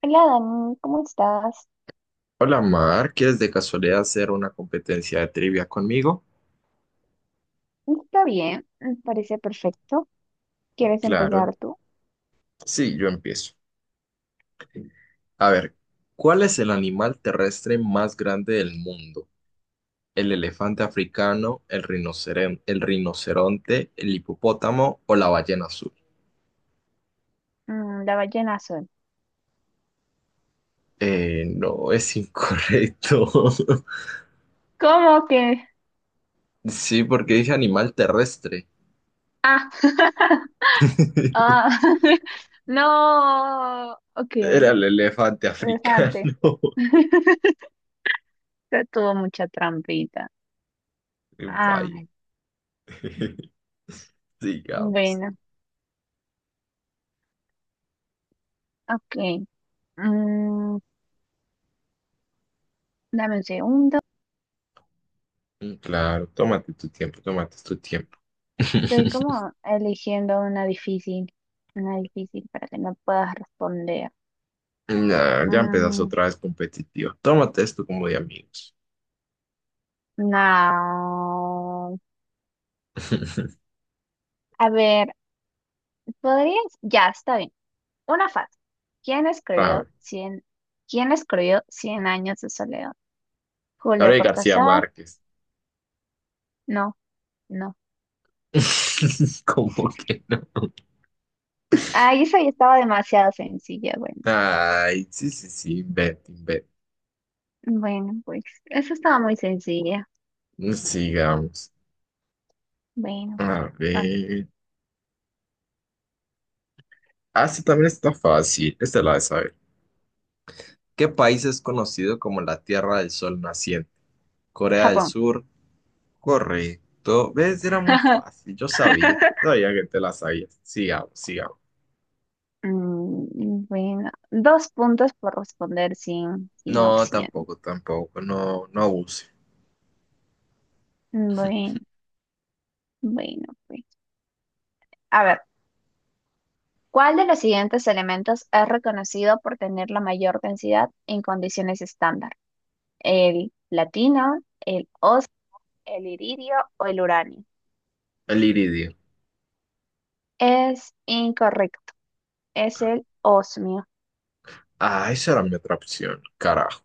Hola Dani, ¿cómo estás? Hola Mar, ¿quieres de casualidad hacer una competencia de trivia conmigo? Está bien, me parece perfecto. ¿Quieres Claro, empezar tú? sí, yo empiezo. A ver, ¿cuál es el animal terrestre más grande del mundo? ¿El elefante africano, el rinoceronte, el hipopótamo o la ballena azul? La ballena azul. No, es incorrecto. ¿Cómo que? Sí, porque dije animal terrestre. Ah, ah, no, ok, Era el elefante africano. elefante. Ya tuvo mucha trampita. Vaya. Ay, Digamos. bueno, ok. Mm, dame un segundo. Claro, tómate tu tiempo, tómate tu tiempo. Estoy como eligiendo una difícil para que no puedas responder. Nah, ya empezaste Mm, otra vez competitivo. Tómate esto como de amigos. no. A ver, ¿podrías? Ya, está bien. Una fácil. ¿Quién A escribió ver, Cien... ¿Quién escribió Cien años de soledad? ¿Julio Gabriel García Cortázar? Márquez. No, no. ¿Cómo que no? Ah, esa ya estaba demasiado sencilla. Bueno, Ay, sí, sí, sí, vete, vete. bueno, pues eso estaba muy sencilla. Sigamos. Bueno, A con ver. Ah, sí, también está fácil. Esta la de saber. ¿Qué país es conocido como la Tierra del Sol Naciente? Corea del Japón. Sur, correcto. ¿Ves? Era muy fácil. Yo sabía. Sabía que te la sabías. Sigamos, sigamos. Mm, bueno, dos puntos por responder sin No, opción. tampoco, tampoco. No, no abuse. Bueno, bueno, pues. A ver. ¿Cuál de los siguientes elementos es reconocido por tener la mayor densidad en condiciones estándar? ¿El platino, el os, el iridio o el uranio? El iridio. Es incorrecto, es el osmio. Ah, esa era mi otra opción. Carajo.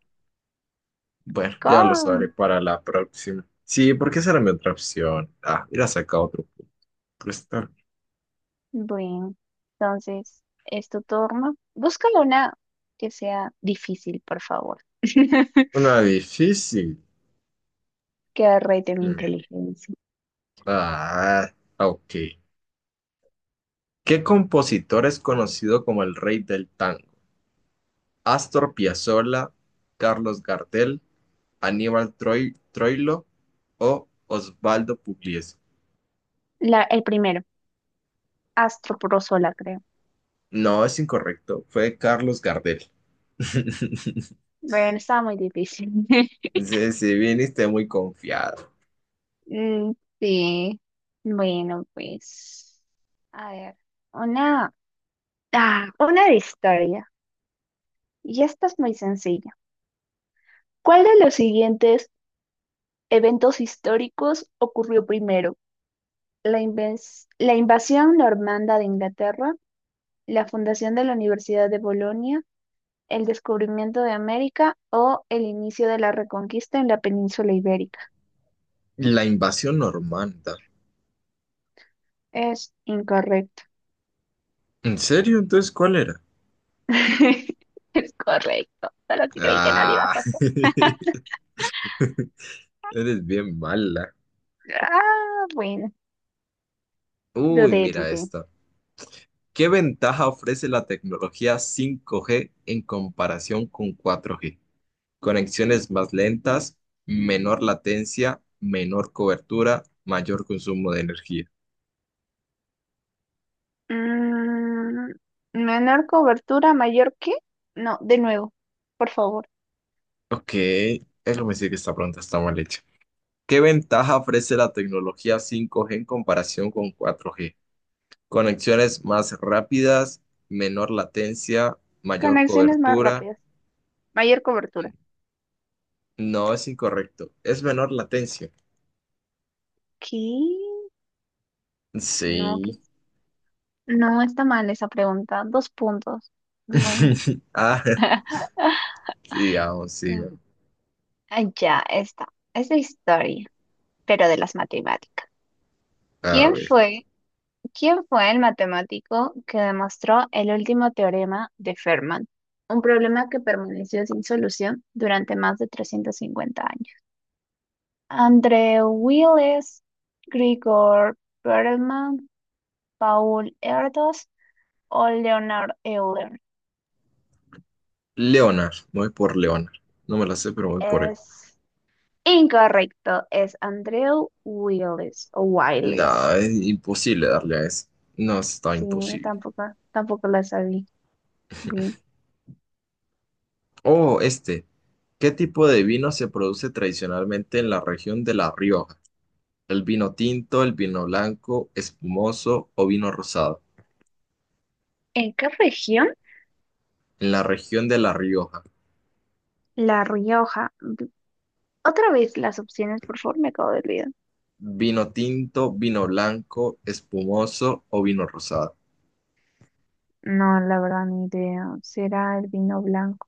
Bueno, ya lo sabré Con- para la próxima. Sí, porque esa era mi otra opción. Ah, mira, saca otro punto. Pero está Bueno, entonces es tu turno. Búscalo una que sea difícil, por favor. una difícil. Que rete mi Mm. inteligencia. Ah, ok. ¿Qué compositor es conocido como el rey del tango? Astor Piazzolla, Carlos Gardel, Troilo o Osvaldo Pugliese. La- el primero, astroprosola, creo. No, es incorrecto. Fue Carlos Gardel. Bueno, estaba muy difícil. Sí, sí, viniste muy confiado. Mm, sí, bueno, pues, a ver, una, ah, una de historia. Y esta es muy sencilla. ¿Cuál de los siguientes eventos históricos ocurrió primero? La, inves- la invasión normanda de Inglaterra, la fundación de la Universidad de Bolonia, el descubrimiento de América o el inicio de la reconquista en la península ibérica. La invasión normanda. Es incorrecto. ¿En serio? Entonces, ¿cuál era? Es correcto, solo que creí que no lo Ah, ibas a... eres bien mala. Ah, bueno, Uy, dudé, mira dudé. esta. ¿Qué ventaja ofrece la tecnología 5G en comparación con 4G? Conexiones más lentas, menor latencia, menor cobertura, mayor consumo de energía. Mm, menor cobertura, mayor que. No, de nuevo, por favor. Ok, es lo que decir que esta pregunta está mal hecha. ¿Qué ventaja ofrece la tecnología 5G en comparación con 4G? Conexiones más rápidas, menor latencia, mayor Conexiones más cobertura. rápidas. Mayor cobertura. No, es incorrecto. Es menor latencia. ¿Qué? No, que Sí. no está mal esa pregunta. Dos puntos. Bueno. Ah, sigamos, Mm. sigamos. Ah, ya está. Es de historia, pero de las matemáticas. A ¿Quién ver. fue ¿Quién fue el matemático que demostró el último teorema de Fermat? Un problema que permaneció sin solución durante más de 350 años. André Wiles, Grigor Perelman, Paul Erdos o Leonard Euler. Leonard, voy por Leonard. No me la sé, pero voy por él. Es incorrecto, es Andrew Wiles o No, Wiles. es imposible darle a ese. No, está Sí, yo imposible. tampoco la sabía bien. Oh, este. ¿Qué tipo de vino se produce tradicionalmente en la región de La Rioja? ¿El vino tinto, el vino blanco, espumoso o vino rosado? ¿En qué región? En la región de La Rioja. La Rioja. Otra vez las opciones, por favor, me acabo de olvidar. ¿Vino tinto, vino blanco, espumoso o vino rosado? No, la verdad, ni idea. ¿Será el vino blanco?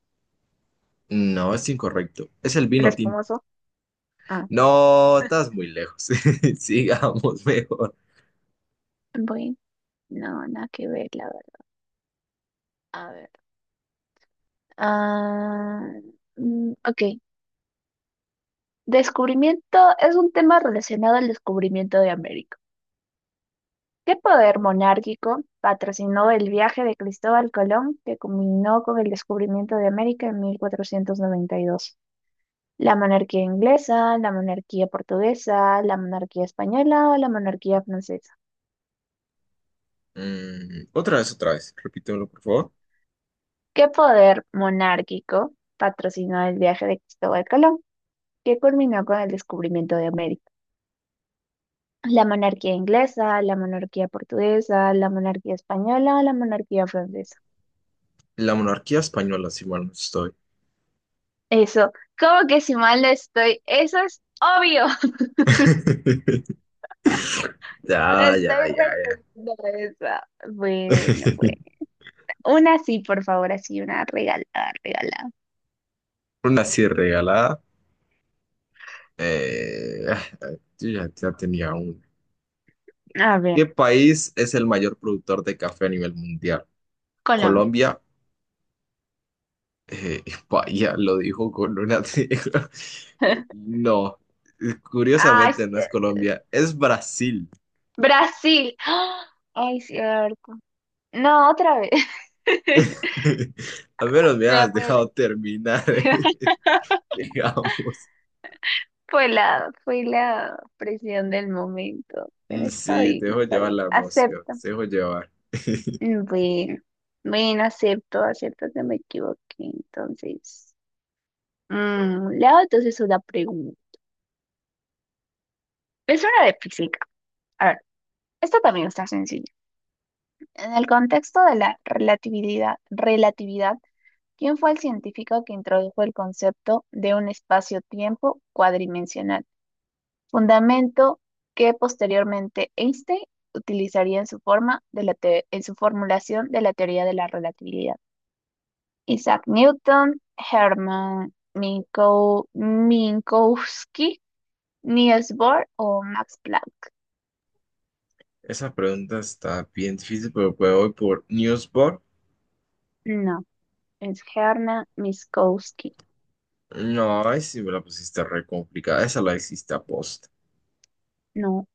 No, es incorrecto. Es el El vino tinto. espumoso. Ah, No, estás muy lejos. Sigamos mejor. voy. No, nada que ver, la verdad. A ver. Ah, ok. Descubrimiento es un tema relacionado al descubrimiento de América. ¿Qué poder monárquico patrocinó el viaje de Cristóbal Colón que culminó con el descubrimiento de América en 1492? La monarquía inglesa, la monarquía portuguesa, la monarquía española o la monarquía francesa. Otra vez, otra vez. Repítemelo, por favor. ¿Qué poder monárquico patrocinó el viaje de Cristóbal Colón, que culminó con el descubrimiento de América? La monarquía inglesa, la monarquía portuguesa, la monarquía española o la monarquía francesa. La monarquía española, si mal no estoy. Eso, ¿cómo que si mal no estoy? Eso es obvio. Te Ya, ya, estoy ya, regalando esa. Bueno, bueno. ya. Una sí, por favor, así, una regalada, regalada. Una así regalada. Eh, ah, ah, yo ya, ya tenía una. A ver, ¿Qué país es el mayor productor de café a nivel mundial? Colombia. Colombia. Eh, vaya, lo dijo con una... No, Ay, curiosamente s- no es Colombia, es Brasil. Brasil. ¡Ah! Ay, cierto. No, otra vez. Al menos me Me voy a has poner- dejado terminar, digamos. Fue la presión del momento. Pero está Sí, te bien, dejo está llevar bien. la emoción, Acepto. te dejo llevar. Bueno, bueno, acepto, acepto que me equivoqué. Entonces, le hago entonces una pregunta. Es una de física. A ver, esta también está sencilla. En el contexto de la relatividad, ¿quién fue el científico que introdujo el concepto de un espacio-tiempo cuadridimensional? Fundamento que posteriormente Einstein utilizaría en su forma de la te- en su formulación de la teoría de la relatividad. Isaac Newton, Hermann Minko- Minkowski, Niels Bohr o Max Planck. Esa pregunta está bien difícil, pero pues voy por Newsboard. No, es Hermann Minkowski. No, ay, sí me la pusiste re complicada. Esa la hiciste post No,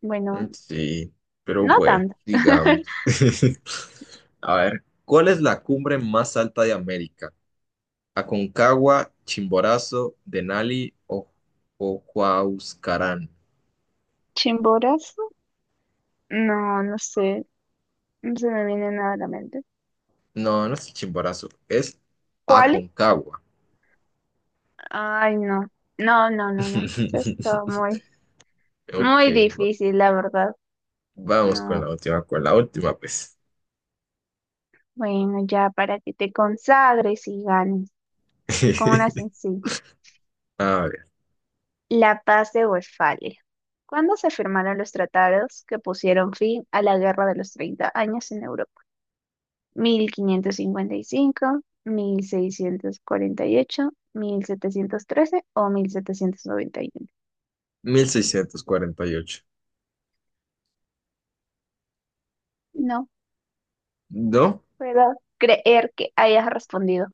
bueno, sí, pero no bueno, tanto. digamos. A ver, ¿cuál es la cumbre más alta de América? ¿Aconcagua, Chimborazo, Denali o Huascarán? Chimborazo. No, no sé. No se me viene nada a la mente. No, no es Chimborazo, es ¿Cuál? Aconcagua. Ay, no. No, no, no, no. Eso está muy, Ok, muy va- difícil, la verdad. vamos No. Con la última, pues. Bueno, ya para que te consagres y ganes. Con una sencilla. A La paz de Westfalia. ¿Cuándo se firmaron los tratados que pusieron fin a la Guerra de los Treinta Años en Europa? 1555, 1648, 1713 o 1791. 1648, ¿no? Puedo creer que hayas respondido.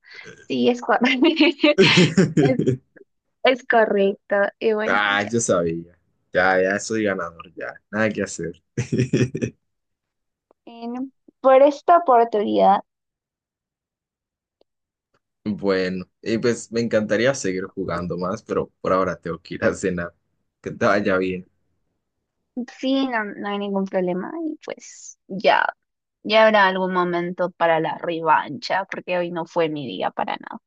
Sí, es, cor-, es, es correcto. Y bueno, Ah, ya. yo sabía. Ya, ya soy ganador, ya. Nada que hacer. En por esta oportunidad, Bueno, y pues me encantaría seguir jugando más, pero por ahora tengo que ir a cenar. Que te vaya bien. sí, no, no hay ningún problema. Y pues ya, ya habrá algún momento para la revancha, porque hoy no fue mi día para nada.